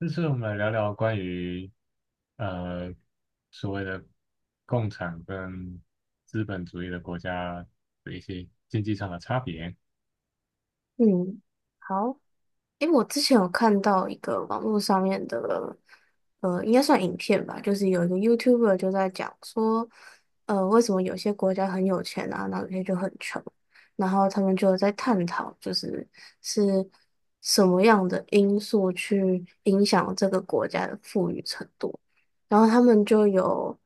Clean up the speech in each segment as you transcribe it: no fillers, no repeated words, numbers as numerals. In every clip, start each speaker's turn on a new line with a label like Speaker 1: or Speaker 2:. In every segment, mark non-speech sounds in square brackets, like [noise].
Speaker 1: 这次我们来聊聊关于呃所谓的共产跟资本主义的国家的一些经济上的差别。
Speaker 2: 嗯，好，诶，我之前有看到一个网络上面的，应该算影片吧，就是有一个 YouTuber 就在讲说，为什么有些国家很有钱啊，然后有些就很穷，然后他们就在探讨，是什么样的因素去影响这个国家的富裕程度，然后他们就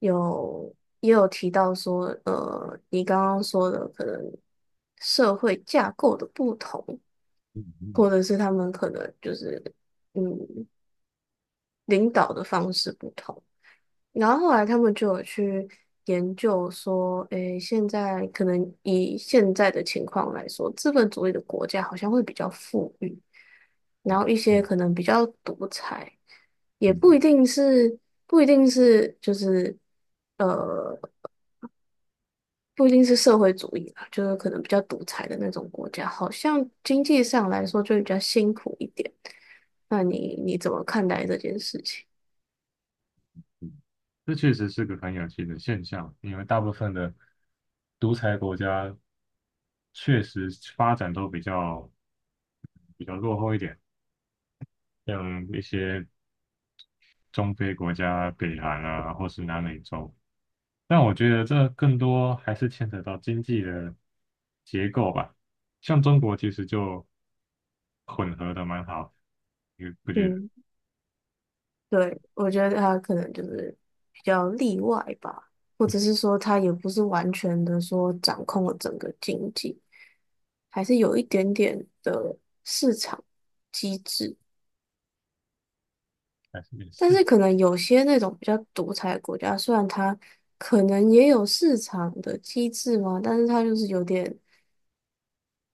Speaker 2: 有也有提到说，你刚刚说的可能社会架构的不同。
Speaker 1: 嗯嗯
Speaker 2: 或者是他们可能嗯领导的方式不同。然后后来他们就有去研究说，诶，现在可能以现在的情况来说，资本主义的国家好像会比较富裕，然后一些
Speaker 1: 嗯
Speaker 2: 可能比较独裁，也不一
Speaker 1: 嗯，
Speaker 2: 定是不一定是就是。呃。不一定是社会主义啦，就是可能比较独裁的那种国家，好像经济上来说就比较辛苦一点。那你怎么看待这件事情？
Speaker 1: 这确实是个很有趣的现象，因为大部分的独裁国家确实发展都比较落后一点，像一些中非国家、北韩啊，或是南美洲。但我觉得这更多还是牵扯到经济的结构吧。像中国其实就混合的蛮好，你不觉得？
Speaker 2: 嗯，对，我觉得他可能就是比较例外吧，或者是说他也不是完全的说掌控了整个经济，还是有一点点的市场机制。
Speaker 1: 还是也
Speaker 2: 但
Speaker 1: 是，
Speaker 2: 是可能有些那种比较独裁的国家，虽然它可能也有市场的机制嘛，但是它就是有点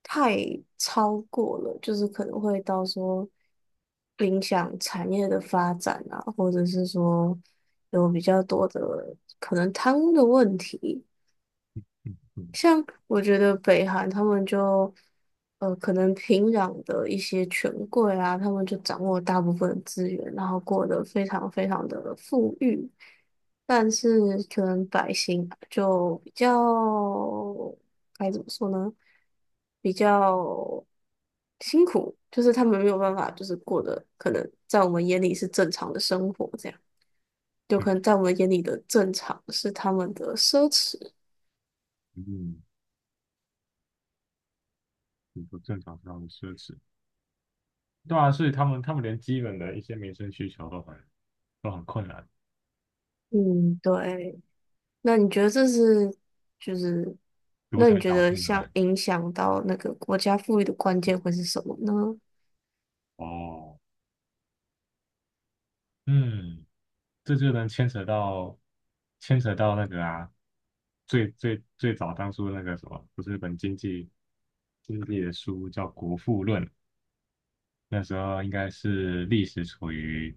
Speaker 2: 太超过了，就是可能会到时候影响产业的发展啊，或者是说有比较多的可能贪污的问题。
Speaker 1: 嗯
Speaker 2: 我觉得北韩他们就，可能平壤的一些权贵啊，他们就掌握大部分的资源，然后过得非常非常的富裕，但是可能百姓就比较，该怎么说呢？比较辛苦，就是他们没有办法，就是过得可能在我们眼里是正常的生活，这样，就可
Speaker 1: 嗯
Speaker 2: 能在我们眼里的正常是他们的奢侈。
Speaker 1: 嗯，很不正常，非常的奢侈。对啊，所以他们连基本的一些民生需求都很困难，
Speaker 2: 嗯，对。那你觉得这是就是，
Speaker 1: 独
Speaker 2: 那你
Speaker 1: 裁
Speaker 2: 觉
Speaker 1: 导
Speaker 2: 得
Speaker 1: 致的嘛。
Speaker 2: 像影响到那个国家富裕的关键会是什么呢？
Speaker 1: 哦，嗯。这就能牵扯到那个啊，最最最早当初那个什么，不是日本经济的书叫《国富论》，那时候应该是历史处于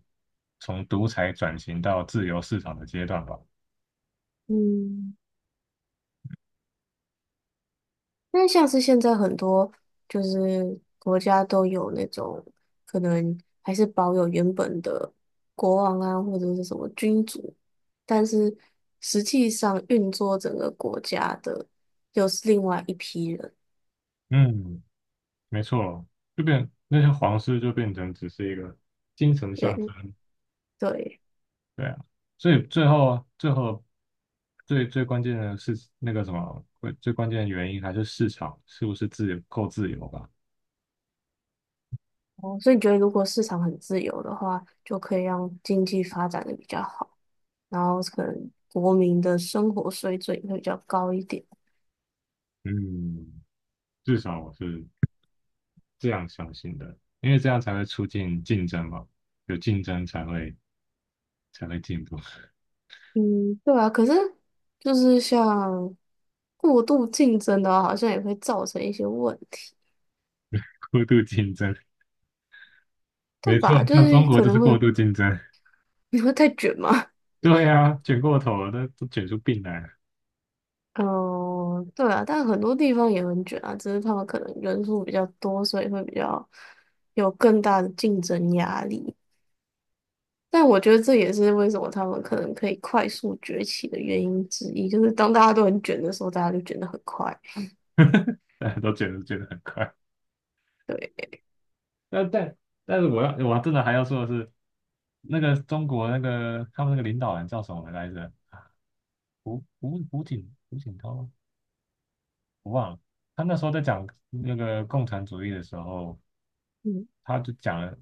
Speaker 1: 从独裁转型到自由市场的阶段吧。
Speaker 2: 嗯，那像是现在很多就是国家都有那种可能还是保有原本的国王啊，或者是什么君主，但是实际上运作整个国家的又是另外一批人。
Speaker 1: 嗯，没错，就变那些皇室就变成只是一个精神象
Speaker 2: 对，
Speaker 1: 征，
Speaker 2: 对，
Speaker 1: 对啊，所以最后最最关键的是那个什么，会最关键的原因还是市场是不是自由够自由吧？
Speaker 2: 哦，所以你觉得如果市场很自由的话，就可以让经济发展的比较好。然后可能国民的生活水准会比较高一点。
Speaker 1: 嗯，至少我是这样相信的，因为这样才会促进竞争嘛，有竞争才会进步，
Speaker 2: 嗯，对啊，可是就是像过度竞争的话，好像也会造成一些问题，
Speaker 1: [laughs] 过度竞争，
Speaker 2: 对
Speaker 1: 没错，
Speaker 2: 吧？就
Speaker 1: 像
Speaker 2: 是
Speaker 1: 中国
Speaker 2: 可
Speaker 1: 就是
Speaker 2: 能
Speaker 1: 过
Speaker 2: 会
Speaker 1: 度竞争，
Speaker 2: 你会太卷吗？[laughs]
Speaker 1: 对啊，卷过头了，都卷出病来了，
Speaker 2: 嗯，对啊，但很多地方也很卷啊，只是他们可能人数比较多，所以会比较有更大的竞争压力。但我觉得这也是为什么他们可能可以快速崛起的原因之一，就是当大家都很卷的时候，大家就卷得很快。
Speaker 1: 大家都卷得很快。
Speaker 2: 对，
Speaker 1: 但但是我真的还要说的是，那个中国那个他们那个领导人叫什么来着？胡锦涛吗，我忘了。他那时候在讲那个共产主义的时候，
Speaker 2: 嗯。
Speaker 1: 他就讲了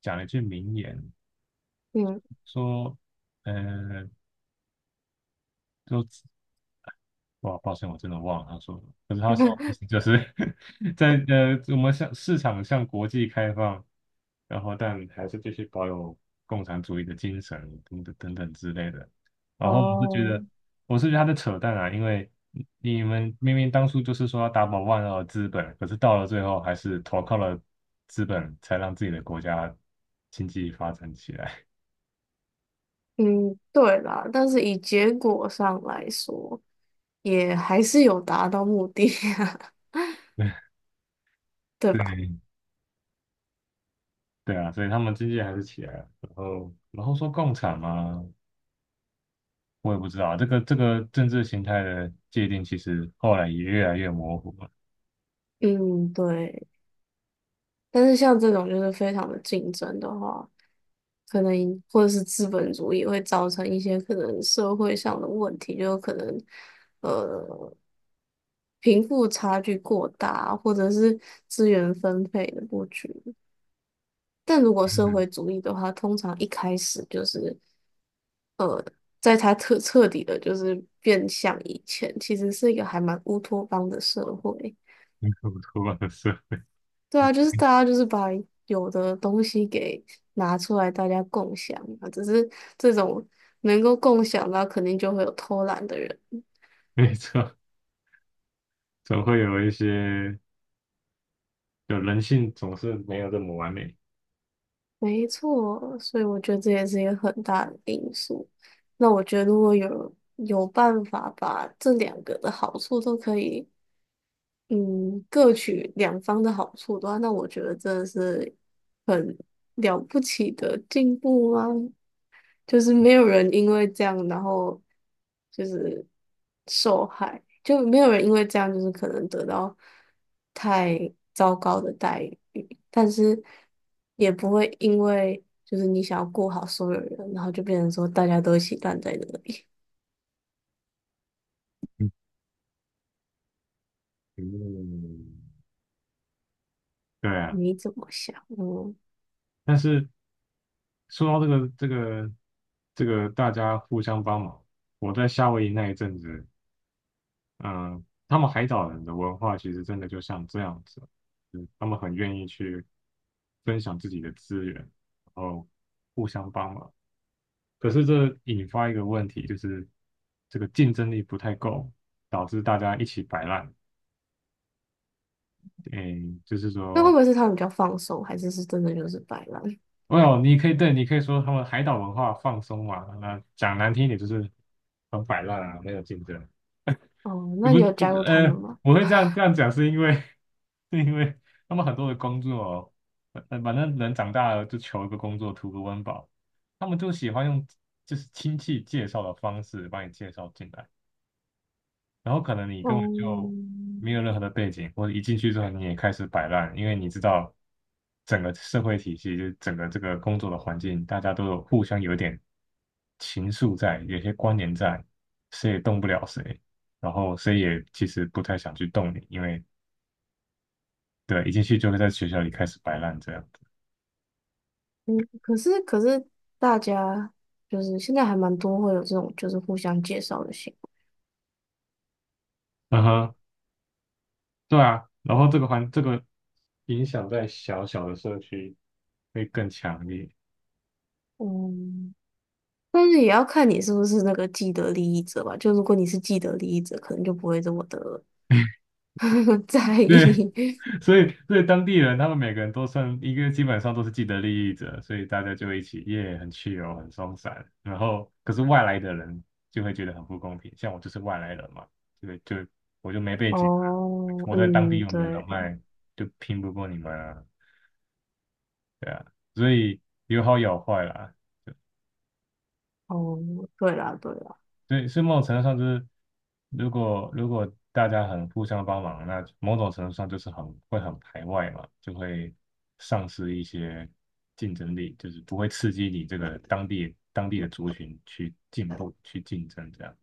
Speaker 1: 讲了一句名言，
Speaker 2: 嗯，
Speaker 1: 说，呃，就。"哇，抱歉，我真的忘了他说的。可是他说的意
Speaker 2: [laughs]
Speaker 1: 思就是 [laughs] 在我们向市场向国际开放，然后但还是继续保有共产主义的精神等等等等之类的。然后我是觉
Speaker 2: 哦，
Speaker 1: 得，我是觉得他在扯淡啊，因为你们明明当初就是说要打倒万恶资本，可是到了最后还是投靠了资本，才让自己的国家经济发展起来。
Speaker 2: 嗯，对啦，但是以结果上来说，也还是有达到目的啊，
Speaker 1: [laughs]
Speaker 2: [laughs] 对吧？
Speaker 1: 对对啊，所以他们经济还是起来了。然后说共产嘛，我也不知道这个政治形态的界定，其实后来也越来越模糊了，
Speaker 2: 嗯，对。但是像这种就是非常的竞争的话，可能或者是资本主义会造成一些可能社会上的问题，就可能呃贫富差距过大，或者是资源分配的不均。但如果
Speaker 1: 还
Speaker 2: 社
Speaker 1: 是
Speaker 2: 会主义的话，通常一开始就是。在它彻彻底的，就是变相以前，其实是一个还蛮乌托邦的社会。
Speaker 1: 很可出恶说
Speaker 2: 对啊，就是大家就是把有的东西给拿出来，大家共享啊。只是这种能够共享的，肯定就会有偷懒的人。
Speaker 1: [laughs] 没错，总会有一些，就人性总是没有这么完美。
Speaker 2: 没错，所以我觉得这也是一个很大的因素。那我觉得如果有办法把这两个的好处都可以嗯，各取两方的好处的话，那我觉得真的是很了不起的进步啊！就是没有人因为这样，然后就是受害，就没有人因为这样就是可能得到太糟糕的待遇，但是也不会因为就是你想要顾好所有人，然后就变成说大家都一起烂在那里。
Speaker 1: 嗯，嗯对啊，
Speaker 2: 你怎么想？嗯，
Speaker 1: 但是说到这个大家互相帮忙，我在夏威夷那一阵子，嗯，他们海岛人的文化其实真的就像这样子，就是他们很愿意去分享自己的资源，然后互相帮忙。可是这引发一个问题，就是这个竞争力不太够，导致大家一起摆烂。诶，就是
Speaker 2: 那会
Speaker 1: 说
Speaker 2: 不会是他们比较放松，还是是真的就是摆烂？
Speaker 1: 哦，你可以对，你可以说他们海岛文化放松嘛，那讲难听一点就是很摆烂啊，没有竞争。
Speaker 2: 哦，
Speaker 1: 不，
Speaker 2: 那你有加
Speaker 1: 不
Speaker 2: 入他
Speaker 1: 呃，
Speaker 2: 们吗？
Speaker 1: 我会这样讲是因为 [laughs] 是因为他们很多的工作哦反正人长大了就求一个工作，图个温饱，他们就喜欢用就是亲戚介绍的方式把你介绍进来。然后可能你
Speaker 2: 哦，
Speaker 1: 根本就没有任何的背景，或者一进去之后你也开始摆烂，因为你知道整个社会体系，就是整个这个工作的环境，大家都有互相有点情愫在，有些关联在，谁也动不了谁，然后谁也其实不太想去动你，因为对，一进去就会在学校里开始摆烂这样。
Speaker 2: 嗯，可是大家就是现在还蛮多会有这种就是互相介绍的行
Speaker 1: 嗯哼，对啊，然后这个环这个影响在小小的社区会更强烈。
Speaker 2: 为，嗯，但是也要看你是不是那个既得利益者吧。就如果你是既得利益者，可能就不会这么的 [laughs] 在
Speaker 1: 对，
Speaker 2: 意。
Speaker 1: 所以当地人他们每个人都算一个，基本上都是既得利益者，所以大家就一起耶，很 chill,很松散。然后可是外来的人就会觉得很不公平，像我就是外来人嘛，就我就没背景，
Speaker 2: 哦，
Speaker 1: 我在当地
Speaker 2: 嗯，
Speaker 1: 又没有人
Speaker 2: 对，
Speaker 1: 脉，就拼不过你们啊，对啊，所以有好有坏啦。
Speaker 2: 哦，对啦，对啦，
Speaker 1: 对，是某种程度上就是，如果大家很互相帮忙，那某种程度上就是很会很排外嘛，就会丧失一些竞争力，就是不会刺激你这个当地的族群去进步、去竞争这样。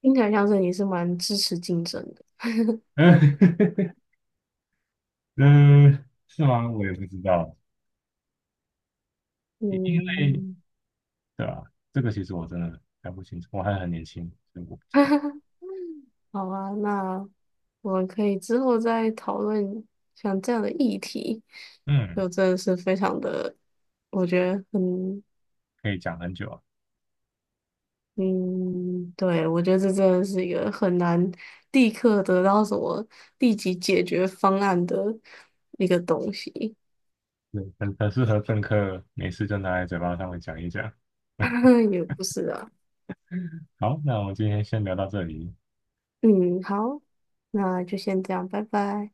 Speaker 2: 听起来像是你是蛮支持竞争的，[laughs]
Speaker 1: [laughs] 嗯，嗯是吗？我也不知道，因为
Speaker 2: 嗯。
Speaker 1: 对吧？这个其实我真的还不清楚，我还很年轻，所以我不知道。
Speaker 2: [laughs] 好啊，那我们可以之后再讨论像这样的议题，
Speaker 1: 嗯，
Speaker 2: 就真的是非常的，我觉得很，
Speaker 1: 可以讲很久啊，
Speaker 2: 嗯，对，我觉得这真的是一个很难立刻得到什么立即解决方案的一个东西，
Speaker 1: 对，很适合政客，没事就拿来嘴巴上面讲一讲。
Speaker 2: [laughs] 也不是啊，
Speaker 1: 好，那我们今天先聊到这里。
Speaker 2: 嗯，好，那就先这样，拜拜。